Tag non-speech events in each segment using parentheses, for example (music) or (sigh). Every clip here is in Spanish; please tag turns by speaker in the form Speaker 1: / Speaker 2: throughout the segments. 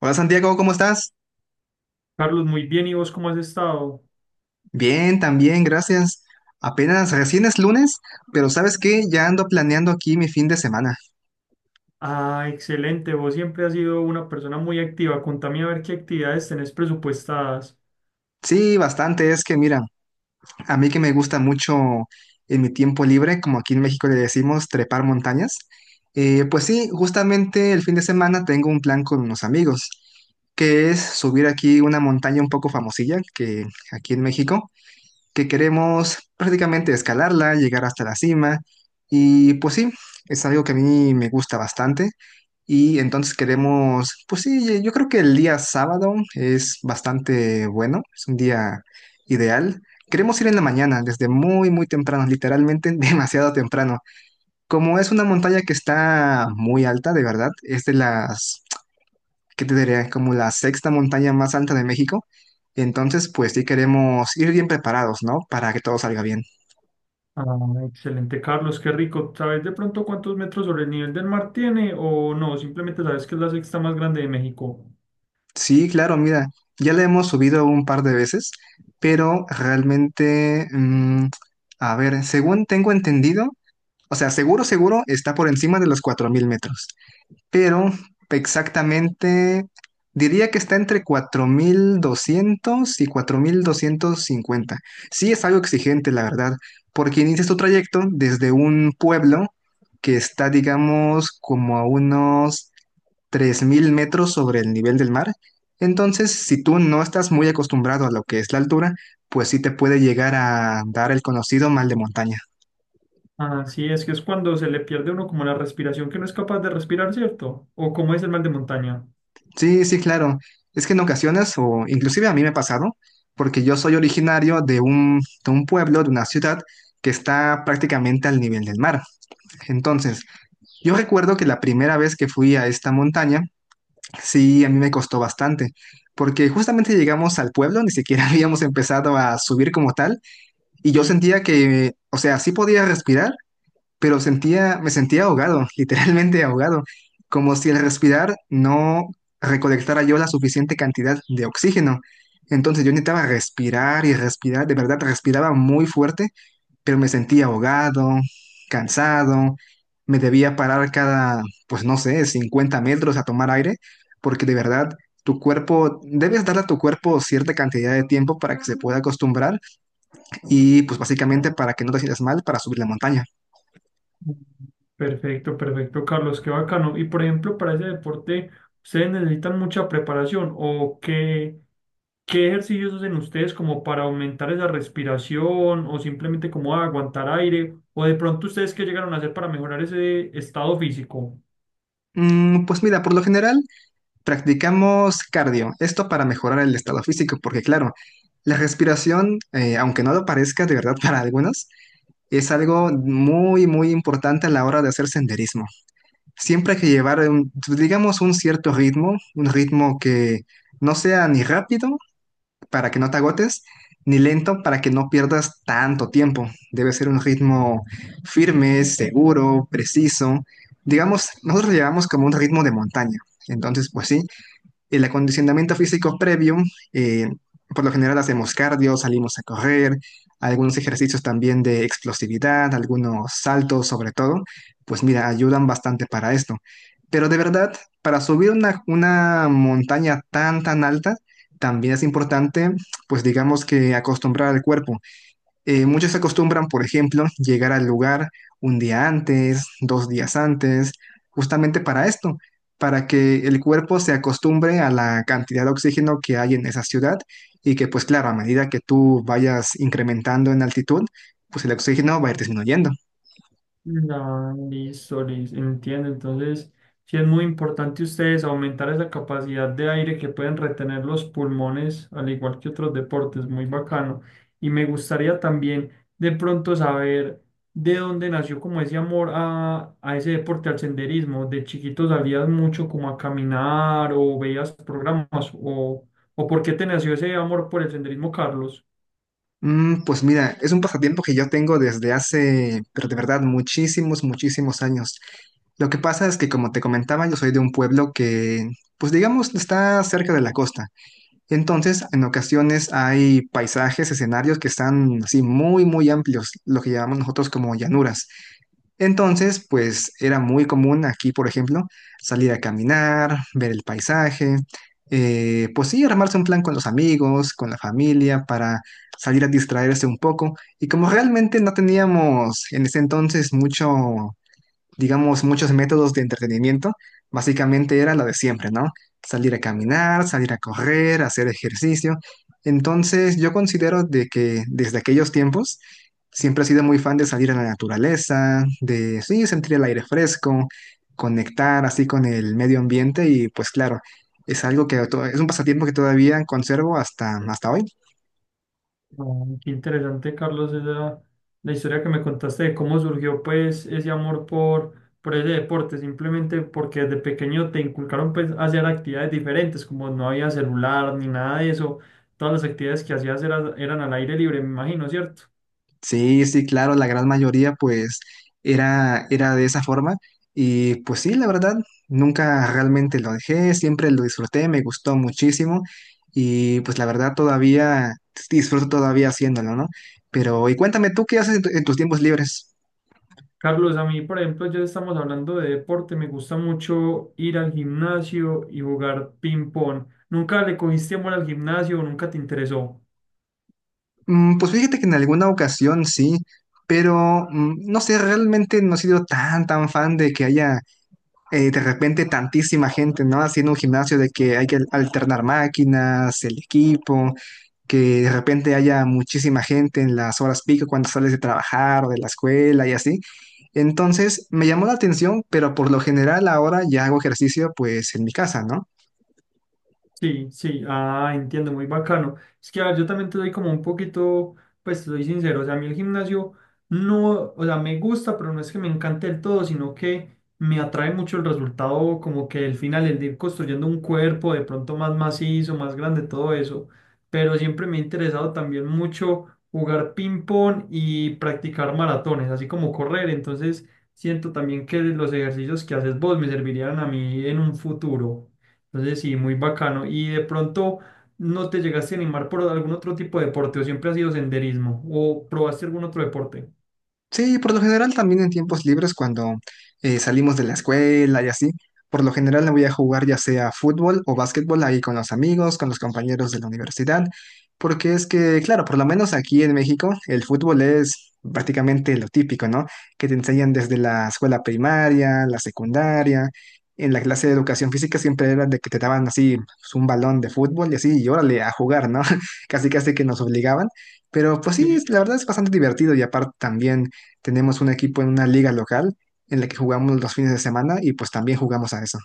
Speaker 1: Hola Santiago, ¿cómo estás?
Speaker 2: Carlos, muy bien. ¿Y vos cómo has estado?
Speaker 1: Bien, también, gracias. Apenas recién es lunes, pero ¿sabes qué? Ya ando planeando aquí mi fin de semana.
Speaker 2: Ah, excelente. Vos siempre has sido una persona muy activa. Contame a ver qué actividades tenés presupuestadas.
Speaker 1: Sí, bastante, es que mira, a mí que me gusta mucho en mi tiempo libre, como aquí en México le decimos trepar montañas, pues sí, justamente el fin de semana tengo un plan con unos amigos, que es subir aquí una montaña un poco famosilla, que aquí en México. Que queremos prácticamente escalarla, llegar hasta la cima. Y pues sí, es algo que a mí me gusta bastante. Y entonces queremos, pues sí, yo creo que el día sábado es bastante bueno, es un día ideal. Queremos ir en la mañana, desde muy temprano, literalmente (laughs) demasiado temprano. Como es una montaña que está muy alta, de verdad, es de las que te diré? Como la sexta montaña más alta de México. Entonces, pues sí queremos ir bien preparados, ¿no? Para que todo salga bien.
Speaker 2: Ah, excelente, Carlos, qué rico. ¿Sabes de pronto cuántos metros sobre el nivel del mar tiene o no? Simplemente sabes que es la sexta más grande de México.
Speaker 1: Sí, claro, mira, ya la hemos subido un par de veces, pero realmente, a ver, según tengo entendido, o sea, seguro está por encima de los 4000 metros. Pero exactamente diría que está entre 4200 y 4250. Sí es algo exigente, la verdad, porque inicias tu trayecto desde un pueblo que está, digamos, como a unos 3000 metros sobre el nivel del mar. Entonces, si tú no estás muy acostumbrado a lo que es la altura, pues sí te puede llegar a dar el conocido mal de montaña.
Speaker 2: Ah, sí, es que es cuando se le pierde a uno como la respiración que no es capaz de respirar, ¿cierto? ¿O cómo es el mal de montaña?
Speaker 1: Sí, sí, claro. Es que en ocasiones, o inclusive a mí me ha pasado, porque yo soy originario de un pueblo, de una ciudad que está prácticamente al nivel del mar. Entonces, yo recuerdo que la primera vez que fui a esta montaña, sí, a mí me costó bastante, porque justamente llegamos al pueblo, ni siquiera (laughs) habíamos empezado a subir como tal, y yo
Speaker 2: Sí.
Speaker 1: sentía que, o sea, sí podía respirar, pero me sentía ahogado, (laughs) literalmente ahogado, como si al respirar no recolectara yo la suficiente cantidad de oxígeno. Entonces yo necesitaba respirar y respirar, de verdad respiraba muy fuerte, pero me sentía ahogado, cansado, me debía parar cada, pues no sé, 50 metros a tomar aire, porque de verdad tu cuerpo, debes darle a tu cuerpo cierta cantidad de tiempo para que se pueda acostumbrar y pues básicamente para que no te sientas mal para subir la montaña.
Speaker 2: Perfecto, perfecto, Carlos, qué bacano. Y por ejemplo, para ese deporte, ¿ustedes necesitan mucha preparación o qué? ¿Qué ejercicios hacen ustedes como para aumentar esa respiración o simplemente como aguantar aire? ¿O de pronto ustedes qué llegaron a hacer para mejorar ese estado físico?
Speaker 1: Pues mira, por lo general practicamos cardio, esto para mejorar el estado físico, porque claro, la respiración, aunque no lo parezca de verdad (laughs) para algunos, es algo muy importante a la hora de hacer senderismo. Siempre hay que llevar, digamos, un cierto ritmo, un ritmo que no sea ni rápido para que no te agotes, ni lento para que no pierdas tanto tiempo. Debe ser un ritmo firme, seguro, preciso. Digamos, nosotros lo llevamos como un ritmo de montaña. Entonces, pues sí, el acondicionamiento físico previo, eh, por lo general hacemos cardio, salimos a correr, algunos ejercicios también de explosividad, algunos saltos sobre todo, pues mira, ayudan bastante para esto. Pero de verdad, para subir una montaña tan alta, también es importante, pues digamos que acostumbrar al cuerpo. Muchos acostumbran, por ejemplo, llegar al lugar un día antes, dos días antes, justamente para esto, para que el cuerpo se acostumbre a la cantidad de oxígeno que hay en esa ciudad y que, pues claro, a medida que tú vayas incrementando en altitud, pues el oxígeno va a ir disminuyendo.
Speaker 2: No, listo, listo, entiendo. Entonces, sí es muy importante ustedes aumentar esa capacidad de aire que pueden retener los pulmones, al igual que otros deportes, muy bacano. Y me gustaría también de pronto saber de dónde nació como ese amor a ese deporte, al senderismo. ¿De chiquito salías mucho como a caminar o veías programas o, o por qué te nació ese amor por el senderismo, Carlos?
Speaker 1: Pues mira, es un pasatiempo que yo tengo desde hace, pero de verdad, muchísimos años. Lo que pasa es que, como te comentaba, yo soy de un pueblo que, pues digamos, está cerca de la costa. Entonces, en ocasiones hay paisajes, escenarios que están así muy amplios, lo que llamamos nosotros como llanuras. Entonces, pues era muy común aquí, por ejemplo, salir a caminar, ver el paisaje, pues sí, armarse un plan con los amigos, con la familia, para salir a distraerse un poco. Y como realmente no teníamos en ese entonces mucho digamos, muchos métodos de entretenimiento, básicamente era lo de siempre, ¿no? Salir a caminar, salir a correr, hacer ejercicio. Entonces, yo considero de que desde aquellos tiempos siempre he sido muy fan de salir a la naturaleza, de sí, sentir el aire fresco, conectar así con el medio ambiente y pues claro, es algo que es un pasatiempo que todavía conservo hasta hoy.
Speaker 2: Oh, qué interesante, Carlos, la historia que me contaste de cómo surgió pues ese amor por ese deporte, simplemente porque desde pequeño te inculcaron pues a hacer actividades diferentes, como no había celular ni nada de eso, todas las actividades que hacías eran al aire libre, me imagino, ¿cierto?
Speaker 1: Sí, sí, claro, la gran mayoría pues era de esa forma y pues sí, la verdad, nunca realmente lo dejé, siempre lo disfruté, me gustó muchísimo y pues la verdad todavía disfruto todavía haciéndolo, ¿no? Pero y cuéntame tú qué haces en, en tus tiempos libres.
Speaker 2: Carlos, a mí, por ejemplo, ya estamos hablando de deporte, me gusta mucho ir al gimnasio y jugar ping pong. ¿Nunca le cogiste amor al gimnasio o nunca te interesó?
Speaker 1: Pues fíjate que en alguna ocasión sí, pero no sé, realmente no he sido tan fan de que haya de repente tantísima gente, ¿no? Haciendo un gimnasio de que hay que alternar máquinas, el equipo, que de repente haya muchísima gente en las horas pico cuando sales de trabajar o de la escuela y así. Entonces me llamó la atención, pero por lo general ahora ya hago ejercicio pues en mi casa, ¿no?
Speaker 2: Sí, sí, ah, entiendo, muy bacano. Es que a ver, yo también te doy como un poquito, pues te doy sincero, o sea, a mí el gimnasio no, o sea, me gusta, pero no es que me encante del todo, sino que me atrae mucho el resultado, como que el final, el de ir construyendo un cuerpo de pronto más macizo, más grande, todo eso. Pero siempre me ha interesado también mucho jugar ping-pong y practicar maratones, así como correr. Entonces, siento también que los ejercicios que haces vos me servirían a mí en un futuro. Entonces sí, muy bacano. ¿Y de pronto no te llegaste a animar por algún otro tipo de deporte o siempre ha sido senderismo o probaste algún otro deporte?
Speaker 1: Sí, por lo general también en tiempos libres cuando salimos de la escuela y así, por lo general me voy a jugar ya sea fútbol o básquetbol ahí con los amigos, con los compañeros de la universidad, porque es que, claro, por lo menos aquí en México el fútbol es prácticamente lo típico, ¿no? Que te enseñan desde la escuela primaria, la secundaria, en la clase de educación física siempre era de que te daban así pues, un balón de fútbol y así, y órale, a jugar, ¿no? (laughs) Casi casi que nos obligaban, pero pues sí,
Speaker 2: Sí.
Speaker 1: la verdad es bastante divertido y aparte también... Tenemos un equipo en una liga local en la que jugamos los fines de semana y pues también jugamos a eso.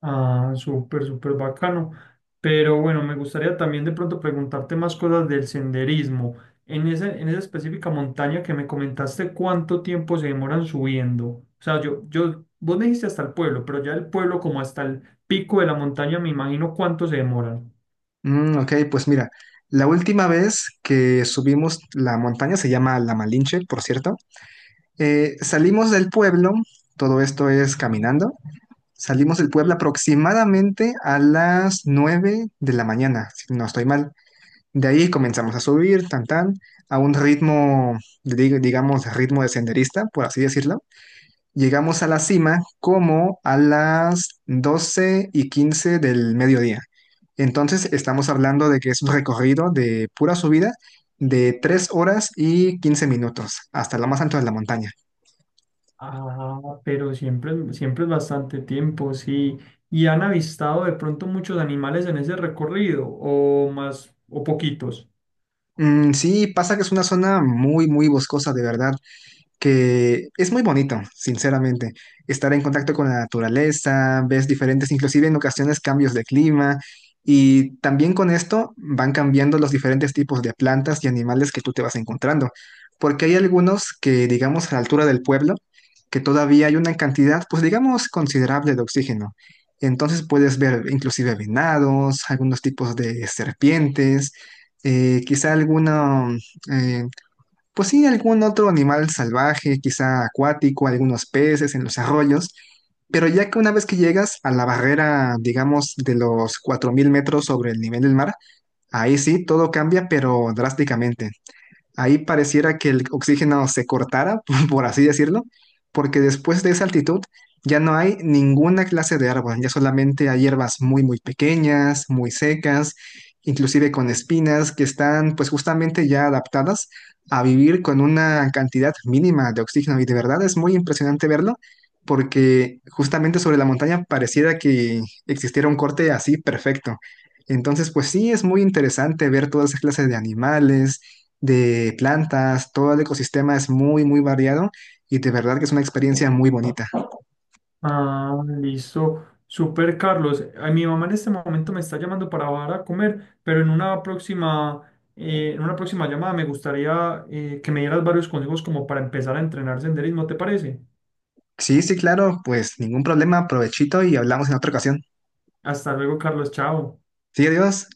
Speaker 2: Ah, súper, súper bacano. Pero bueno, me gustaría también de pronto preguntarte más cosas del senderismo. En esa específica montaña que me comentaste, ¿cuánto tiempo se demoran subiendo? O sea, vos me dijiste hasta el pueblo, pero ya el pueblo como hasta el pico de la montaña, me imagino cuánto se demoran.
Speaker 1: Ok, pues mira, la última vez que subimos la montaña, se llama La Malinche, por cierto, salimos del pueblo, todo esto es caminando, salimos del pueblo aproximadamente a las 9 de la mañana, si no estoy mal. De ahí comenzamos a subir, a un ritmo, digamos, ritmo de senderista, por así decirlo. Llegamos a la cima como a las 12:15 del mediodía. Entonces estamos hablando de que es un recorrido de pura subida de 3 horas y 15 minutos hasta lo más alto de la montaña.
Speaker 2: Ah, pero siempre, siempre es bastante tiempo, sí. ¿Y han avistado de pronto muchos animales en ese recorrido o más o poquitos?
Speaker 1: Sí, pasa que es una zona muy boscosa, de verdad. Que es muy bonito, sinceramente, estar en contacto con la naturaleza, ves diferentes, inclusive en ocasiones cambios de clima, y también con esto van cambiando los diferentes tipos de plantas y animales que tú te vas encontrando, porque hay algunos que, digamos, a la altura del pueblo, que todavía hay una cantidad, pues digamos, considerable de oxígeno. Entonces puedes ver inclusive venados, algunos tipos de serpientes, quizá alguna pues sí, algún otro animal salvaje, quizá acuático, algunos peces en los arroyos, pero ya que una vez que llegas a la barrera, digamos, de los 4000 metros sobre el nivel del mar, ahí sí todo cambia, pero drásticamente. Ahí pareciera que el oxígeno se cortara, (laughs) por así decirlo, porque después de esa altitud ya no hay ninguna clase de árbol, ya solamente hay hierbas muy pequeñas, muy secas, inclusive con espinas que están pues justamente ya adaptadas a vivir con una cantidad mínima de oxígeno y de verdad es muy impresionante verlo porque justamente sobre la montaña pareciera que existiera un corte así perfecto. Entonces, pues sí, es muy interesante ver todas esas clases de animales, de plantas, todo el ecosistema es muy variado y de verdad que es una experiencia muy bonita.
Speaker 2: Ah, listo. Super Carlos. Ay, mi mamá en este momento me está llamando para bajar a comer, pero en una próxima llamada me gustaría que me dieras varios consejos como para empezar a entrenar senderismo, ¿te parece?
Speaker 1: Sí, sí, claro, pues ningún problema, provechito y hablamos en otra ocasión.
Speaker 2: Hasta luego, Carlos. Chao.
Speaker 1: Sí, adiós.